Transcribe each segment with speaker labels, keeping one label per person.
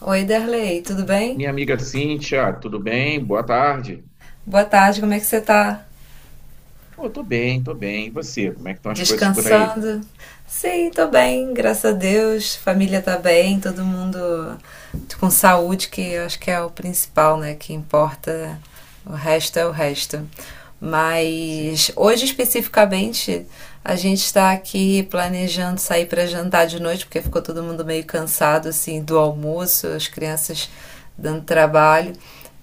Speaker 1: Oi, Derley, tudo bem?
Speaker 2: Minha amiga Cíntia, tudo bem? Boa tarde.
Speaker 1: Boa tarde, como é que você tá?
Speaker 2: Pô, tô bem. E você? Como é que estão as coisas por aí?
Speaker 1: Descansando? Sim, tô bem, graças a Deus. Família tá bem, todo mundo com saúde, que eu acho que é o principal, né? Que importa. O resto é o resto. Mas
Speaker 2: Sim.
Speaker 1: hoje especificamente a gente está aqui planejando sair para jantar de noite, porque ficou todo mundo meio cansado assim do almoço, as crianças dando trabalho.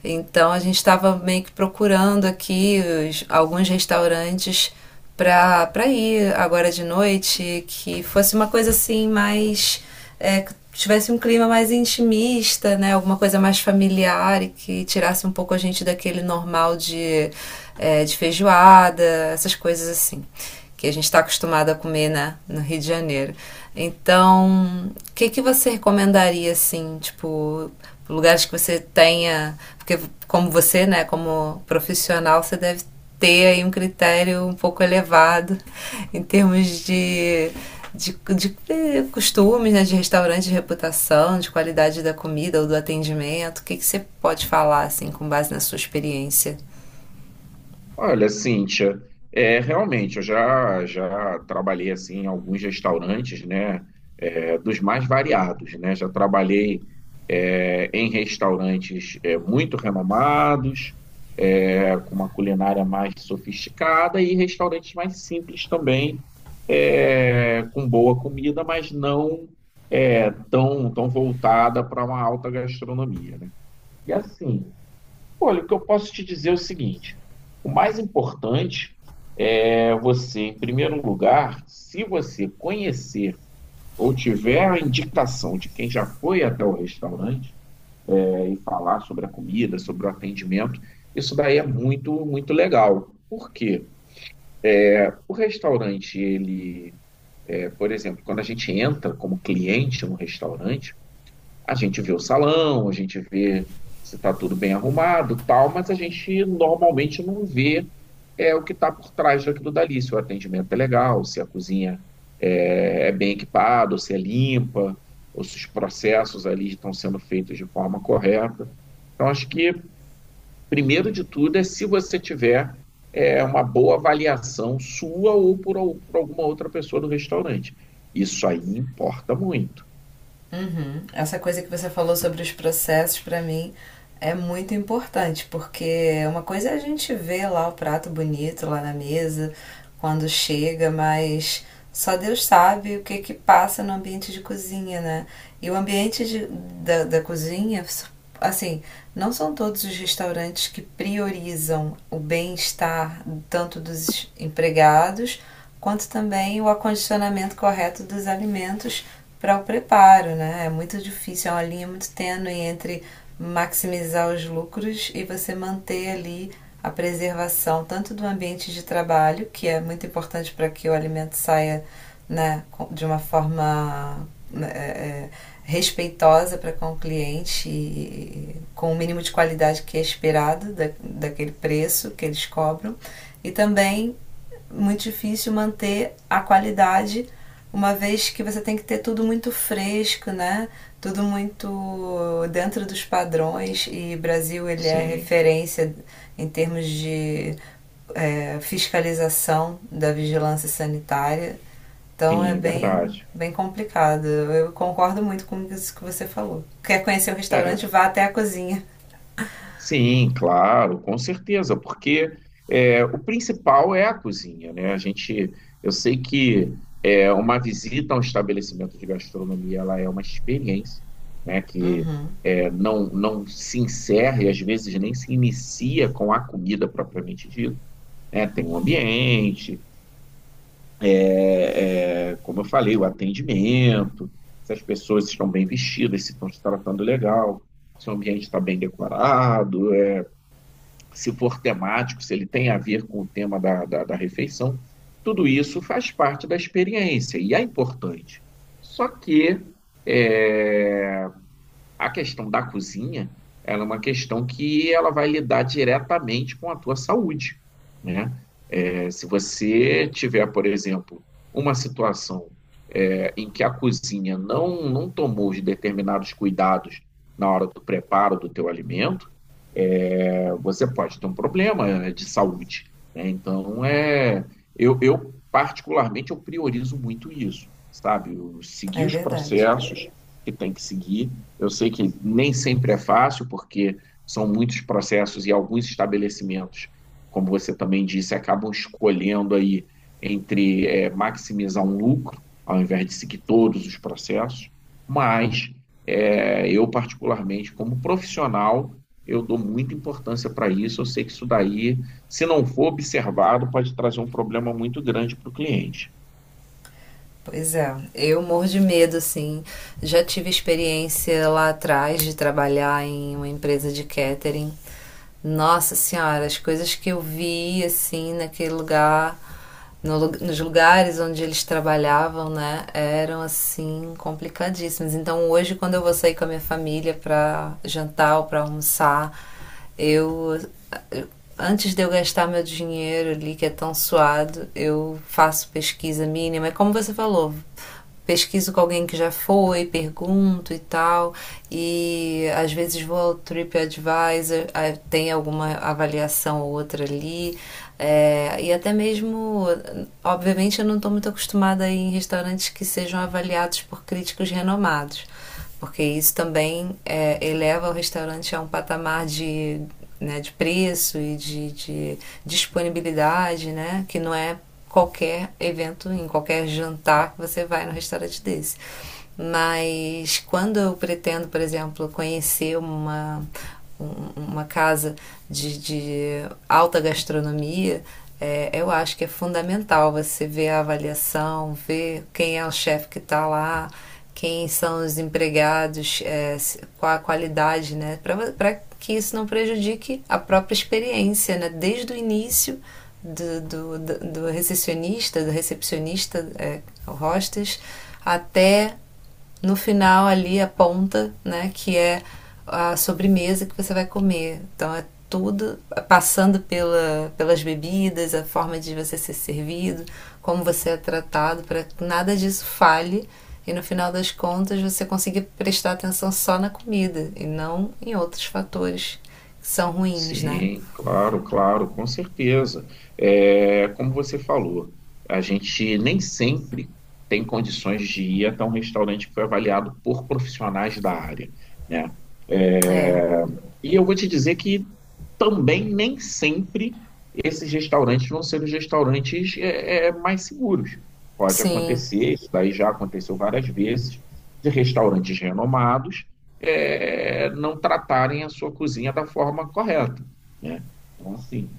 Speaker 1: Então a gente estava meio que procurando aqui alguns restaurantes pra ir agora de noite, que fosse uma coisa assim mais. Que tivesse um clima mais intimista, né? Alguma coisa mais familiar e que tirasse um pouco a gente daquele normal de de feijoada, essas coisas assim. Que a gente está acostumado a comer, né, no Rio de Janeiro. Então, o que que você recomendaria, assim, tipo, lugares que você tenha. Porque, como você, né, como profissional, você deve ter aí um critério um pouco elevado em termos de costumes, né, de restaurante, de reputação, de qualidade da comida ou do atendimento. O que, que você pode falar, assim, com base na sua experiência?
Speaker 2: Olha, Cíntia, realmente, eu já trabalhei assim em alguns restaurantes, né, dos mais variados, né, já trabalhei em restaurantes muito renomados, com uma culinária mais sofisticada e restaurantes mais simples também, com boa comida, mas não tão voltada para uma alta gastronomia, né? E assim, olha, o que eu posso te dizer é o seguinte: o mais importante é você, em primeiro lugar, se você conhecer ou tiver a indicação de quem já foi até o restaurante, e falar sobre a comida, sobre o atendimento, isso daí é muito legal. Por quê? O restaurante, ele, é, por exemplo, quando a gente entra como cliente no restaurante, a gente vê o salão, a gente vê se está tudo bem arrumado, tal, mas a gente normalmente não vê o que está por trás daquilo dali, se o atendimento é legal, se a cozinha é bem equipada, ou se é limpa, ou se os processos ali estão sendo feitos de forma correta. Então, acho que, primeiro de tudo, é se você tiver uma boa avaliação sua ou por alguma outra pessoa do restaurante. Isso aí importa muito.
Speaker 1: Uhum. Essa coisa que você falou sobre os processos, para mim, é muito importante, porque uma coisa é a gente ver lá o prato bonito lá na mesa, quando chega, mas só Deus sabe o que que passa no ambiente de cozinha, né? E o ambiente da cozinha, assim, não são todos os restaurantes que priorizam o bem-estar tanto dos empregados quanto também o acondicionamento correto dos alimentos para o preparo, né? É muito difícil, é uma linha muito tênue entre maximizar os lucros e você manter ali a preservação tanto do ambiente de trabalho, que é muito importante para que o alimento saia, né, de uma forma, né, respeitosa para com o cliente, e com o mínimo de qualidade que é esperado daquele preço que eles cobram, e também muito difícil manter a qualidade, uma vez que você tem que ter tudo muito fresco, né? Tudo muito dentro dos padrões, e Brasil ele é
Speaker 2: Sim,
Speaker 1: referência em termos de fiscalização da vigilância sanitária. Então é
Speaker 2: sim,
Speaker 1: bem,
Speaker 2: verdade.
Speaker 1: bem complicado. Eu concordo muito com isso que você falou. Quer conhecer o restaurante?
Speaker 2: É,
Speaker 1: Vá até a cozinha.
Speaker 2: sim, claro, com certeza, porque o principal é a cozinha, né? Eu sei que uma visita a um estabelecimento de gastronomia, ela é uma experiência, né? Que não se encerra e às vezes nem se inicia com a comida propriamente dita, né? Tem um ambiente, como eu falei, o atendimento, se as pessoas estão bem vestidas, se estão se tratando legal, se o ambiente está bem decorado, se for temático, se ele tem a ver com o tema da refeição, tudo isso faz parte da experiência e é importante. Só que é, a questão da cozinha, ela é uma questão que ela vai lidar diretamente com a tua saúde, né? É, se você tiver, por exemplo, uma situação em que a cozinha não tomou os determinados cuidados na hora do preparo do teu alimento, é, você pode ter um problema de saúde. Né? Então, particularmente, eu priorizo muito isso, sabe? Eu seguir
Speaker 1: É
Speaker 2: os
Speaker 1: verdade.
Speaker 2: processos que tem que seguir. Eu sei que nem sempre é fácil, porque são muitos processos e alguns estabelecimentos, como você também disse, acabam escolhendo aí entre maximizar um lucro, ao invés de seguir todos os processos, mas eu, particularmente, como profissional, eu dou muita importância para isso. Eu sei que isso daí, se não for observado, pode trazer um problema muito grande para o cliente.
Speaker 1: Pois é, eu morro de medo, assim. Já tive experiência lá atrás de trabalhar em uma empresa de catering. Nossa Senhora, as coisas que eu vi, assim, naquele lugar, no lu- nos lugares onde eles trabalhavam, né, eram, assim, complicadíssimas. Então, hoje, quando eu vou sair com a minha família pra jantar ou pra almoçar, eu, antes de eu gastar meu dinheiro ali que é tão suado, eu faço pesquisa mínima. É como você falou, pesquiso com alguém que já foi, pergunto e tal, e às vezes vou ao TripAdvisor, ah, tem alguma avaliação ou outra ali, é, e até mesmo, obviamente eu não estou muito acostumada a ir em restaurantes que sejam avaliados por críticos renomados, porque isso também eleva o restaurante a um patamar de, né, de preço e de disponibilidade, né, que não é qualquer evento, em qualquer jantar que você vai no restaurante desse. Mas quando eu pretendo, por exemplo, conhecer uma casa de alta gastronomia, eu acho que é fundamental você ver a avaliação, ver quem é o chefe que está lá, quem são os empregados, é, qual a qualidade, né? Para que isso não prejudique a própria experiência, né? Desde o início do, do, do recepcionista, do recepcionista, hostes, até no final ali a ponta, né, que é a sobremesa que você vai comer. Então é tudo, é, passando pela, pelas bebidas, a forma de você ser servido, como você é tratado, para que nada disso falhe e no final das contas você consiga prestar atenção só na comida e não em outros fatores que são ruins, né?
Speaker 2: Sim, claro, com certeza. É, como você falou, a gente nem sempre tem condições de ir até um restaurante que foi avaliado por profissionais da área, né?
Speaker 1: É,
Speaker 2: E eu vou te dizer que também nem sempre esses restaurantes vão ser os restaurantes mais seguros. Pode
Speaker 1: sim,
Speaker 2: acontecer, isso daí já aconteceu várias vezes, de restaurantes renomados não tratarem a sua cozinha da forma correta, né? Então, assim,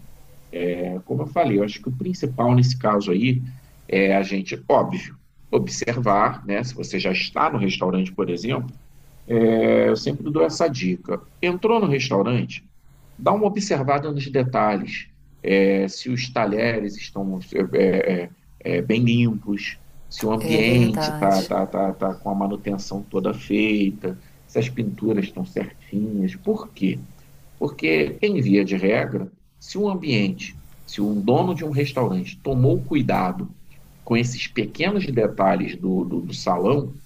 Speaker 2: como eu falei, eu acho que o principal nesse caso aí é a gente, óbvio, observar, né? Se você já está no restaurante, por exemplo, eu sempre dou essa dica. Entrou no restaurante, dá uma observada nos detalhes. É, se os talheres estão é, é, bem limpos, se o
Speaker 1: é
Speaker 2: ambiente está
Speaker 1: verdade.
Speaker 2: tá, tá, tá com a manutenção toda feita, se as pinturas estão certinhas. Por quê? Porque, em via de regra, se um ambiente, se um dono de um restaurante tomou cuidado com esses pequenos detalhes do salão,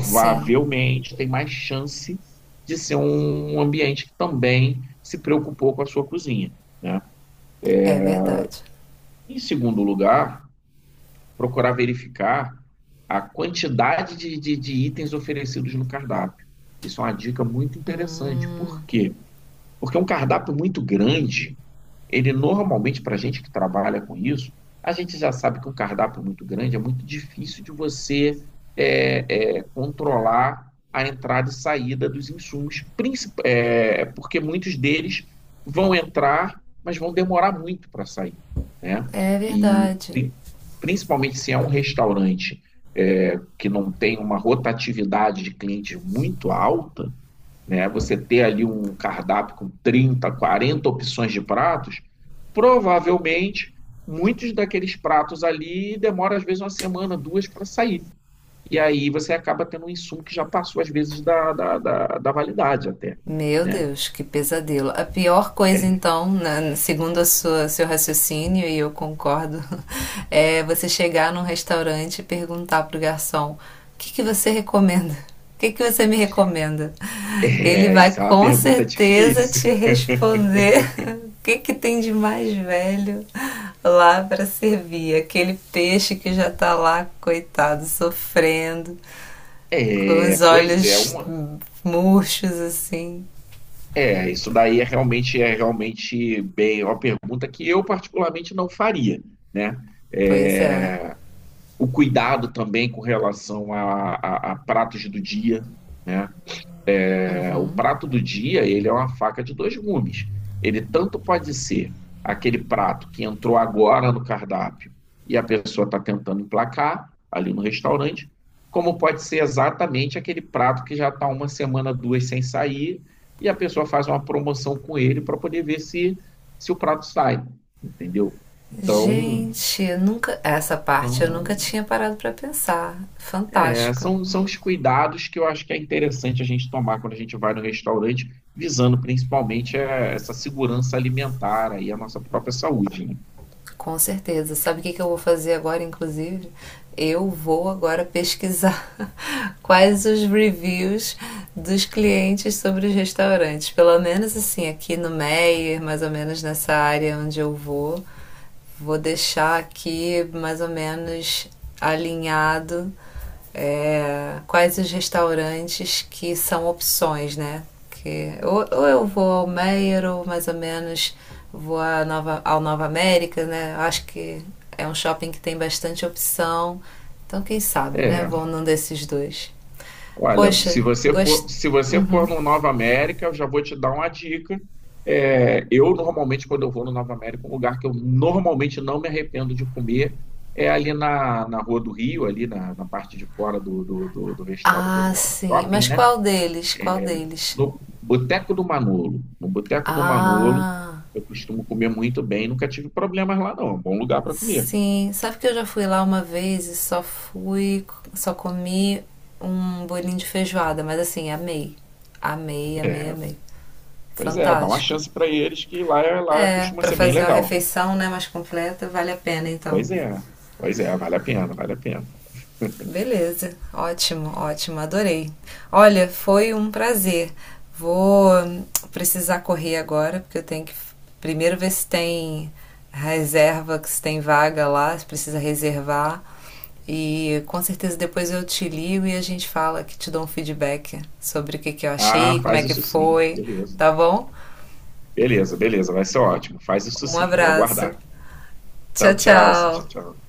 Speaker 1: Sim,
Speaker 2: tem mais chance de ser um ambiente que também se preocupou com a sua cozinha, né?
Speaker 1: é verdade.
Speaker 2: Em segundo lugar, procurar verificar a quantidade de itens oferecidos no cardápio. Isso é uma dica muito interessante. Por quê? Porque um cardápio muito grande, ele normalmente, para a gente que trabalha com isso, a gente já sabe que um cardápio muito grande é muito difícil de você controlar a entrada e saída dos insumos, porque muitos deles vão entrar, mas vão demorar muito para sair, né?
Speaker 1: É
Speaker 2: E
Speaker 1: verdade.
Speaker 2: pri- principalmente se é um restaurante que não tem uma rotatividade de clientes muito alta, né? Você ter ali um cardápio com 30, 40 opções de pratos, provavelmente muitos daqueles pratos ali demora às vezes uma semana, duas para sair. E aí você acaba tendo um insumo que já passou às vezes da validade até.
Speaker 1: Meu
Speaker 2: Né?
Speaker 1: Deus, que pesadelo. A pior coisa,
Speaker 2: É,
Speaker 1: então, segundo a sua, seu raciocínio, e eu concordo, é você chegar num restaurante e perguntar pro garçom: o que que você recomenda? O que que você me recomenda? Ele vai
Speaker 2: isso é uma
Speaker 1: com
Speaker 2: pergunta
Speaker 1: certeza
Speaker 2: difícil.
Speaker 1: te responder o que que tem de mais velho lá para servir. Aquele peixe que já tá lá, coitado, sofrendo, com
Speaker 2: É,
Speaker 1: os
Speaker 2: pois é,
Speaker 1: olhos
Speaker 2: uma,
Speaker 1: murchos assim.
Speaker 2: é, isso daí é realmente, é realmente bem é uma pergunta que eu particularmente não faria, né?
Speaker 1: Pois é.
Speaker 2: É, o cuidado também com relação a pratos do dia. Né? É, o prato do dia ele é uma faca de dois gumes. Ele tanto pode ser aquele prato que entrou agora no cardápio e a pessoa está tentando emplacar ali no restaurante, como pode ser exatamente aquele prato que já está uma semana, duas sem sair e a pessoa faz uma promoção com ele para poder ver se, se o prato sai, entendeu? Então,
Speaker 1: Gente, eu nunca, essa parte eu nunca tinha parado pra pensar.
Speaker 2: é,
Speaker 1: Fantástico,
Speaker 2: são os cuidados que eu acho que é interessante a gente tomar quando a gente vai no restaurante, visando principalmente essa segurança alimentar aí, a nossa própria saúde, né?
Speaker 1: com certeza. Sabe o que que eu vou fazer agora, inclusive? Eu vou agora pesquisar quais os reviews dos clientes sobre os restaurantes. Pelo menos assim, aqui no Meyer, mais ou menos nessa área onde eu vou, vou deixar aqui mais ou menos alinhado, é, quais os restaurantes que são opções, né? Que, ou eu vou ao Meier ou mais ou menos vou à Nova, ao Nova América, né? Acho que é um shopping que tem bastante opção. Então, quem sabe, né?
Speaker 2: É,
Speaker 1: Vou num desses dois.
Speaker 2: olha,
Speaker 1: Poxa, gostei.
Speaker 2: se você
Speaker 1: Uhum.
Speaker 2: for no Nova América, eu já vou te dar uma dica. É, eu normalmente, quando eu vou no Nova América, um lugar que eu normalmente não me arrependo de comer é ali na Rua do Rio, ali na parte de fora do
Speaker 1: Ah,
Speaker 2: do
Speaker 1: sim.
Speaker 2: shopping,
Speaker 1: Mas
Speaker 2: né?
Speaker 1: qual deles? Qual deles?
Speaker 2: No Boteco do Manolo. No Boteco do Manolo,
Speaker 1: Ah,
Speaker 2: eu costumo comer muito bem, nunca tive problemas lá, não. É um bom lugar para comer.
Speaker 1: sim, sabe que eu já fui lá uma vez e só fui, só comi um bolinho de feijoada, mas assim, amei. Amei, amei,
Speaker 2: É,
Speaker 1: amei.
Speaker 2: pois é, dá uma
Speaker 1: Fantástico.
Speaker 2: chance para eles que lá, lá
Speaker 1: É,
Speaker 2: costuma
Speaker 1: pra
Speaker 2: ser bem
Speaker 1: fazer uma
Speaker 2: legal.
Speaker 1: refeição, né, mais completa, vale a pena então.
Speaker 2: Pois é, pois é, vale a pena.
Speaker 1: Beleza, ótimo, ótimo, adorei. Olha, foi um prazer. Vou precisar correr agora, porque eu tenho que primeiro ver se tem reserva, se tem vaga lá, se precisa reservar. E com certeza depois eu te ligo e a gente fala, que te dou um feedback sobre o que, que eu
Speaker 2: Ah,
Speaker 1: achei, como é
Speaker 2: faz
Speaker 1: que
Speaker 2: isso sim,
Speaker 1: foi,
Speaker 2: beleza.
Speaker 1: tá bom?
Speaker 2: Beleza, beleza, vai ser ótimo. Faz isso
Speaker 1: Um
Speaker 2: sim, vou
Speaker 1: abraço.
Speaker 2: aguardar.
Speaker 1: Tchau,
Speaker 2: Tchau, tchau, Cíntia,
Speaker 1: tchau.
Speaker 2: tchau.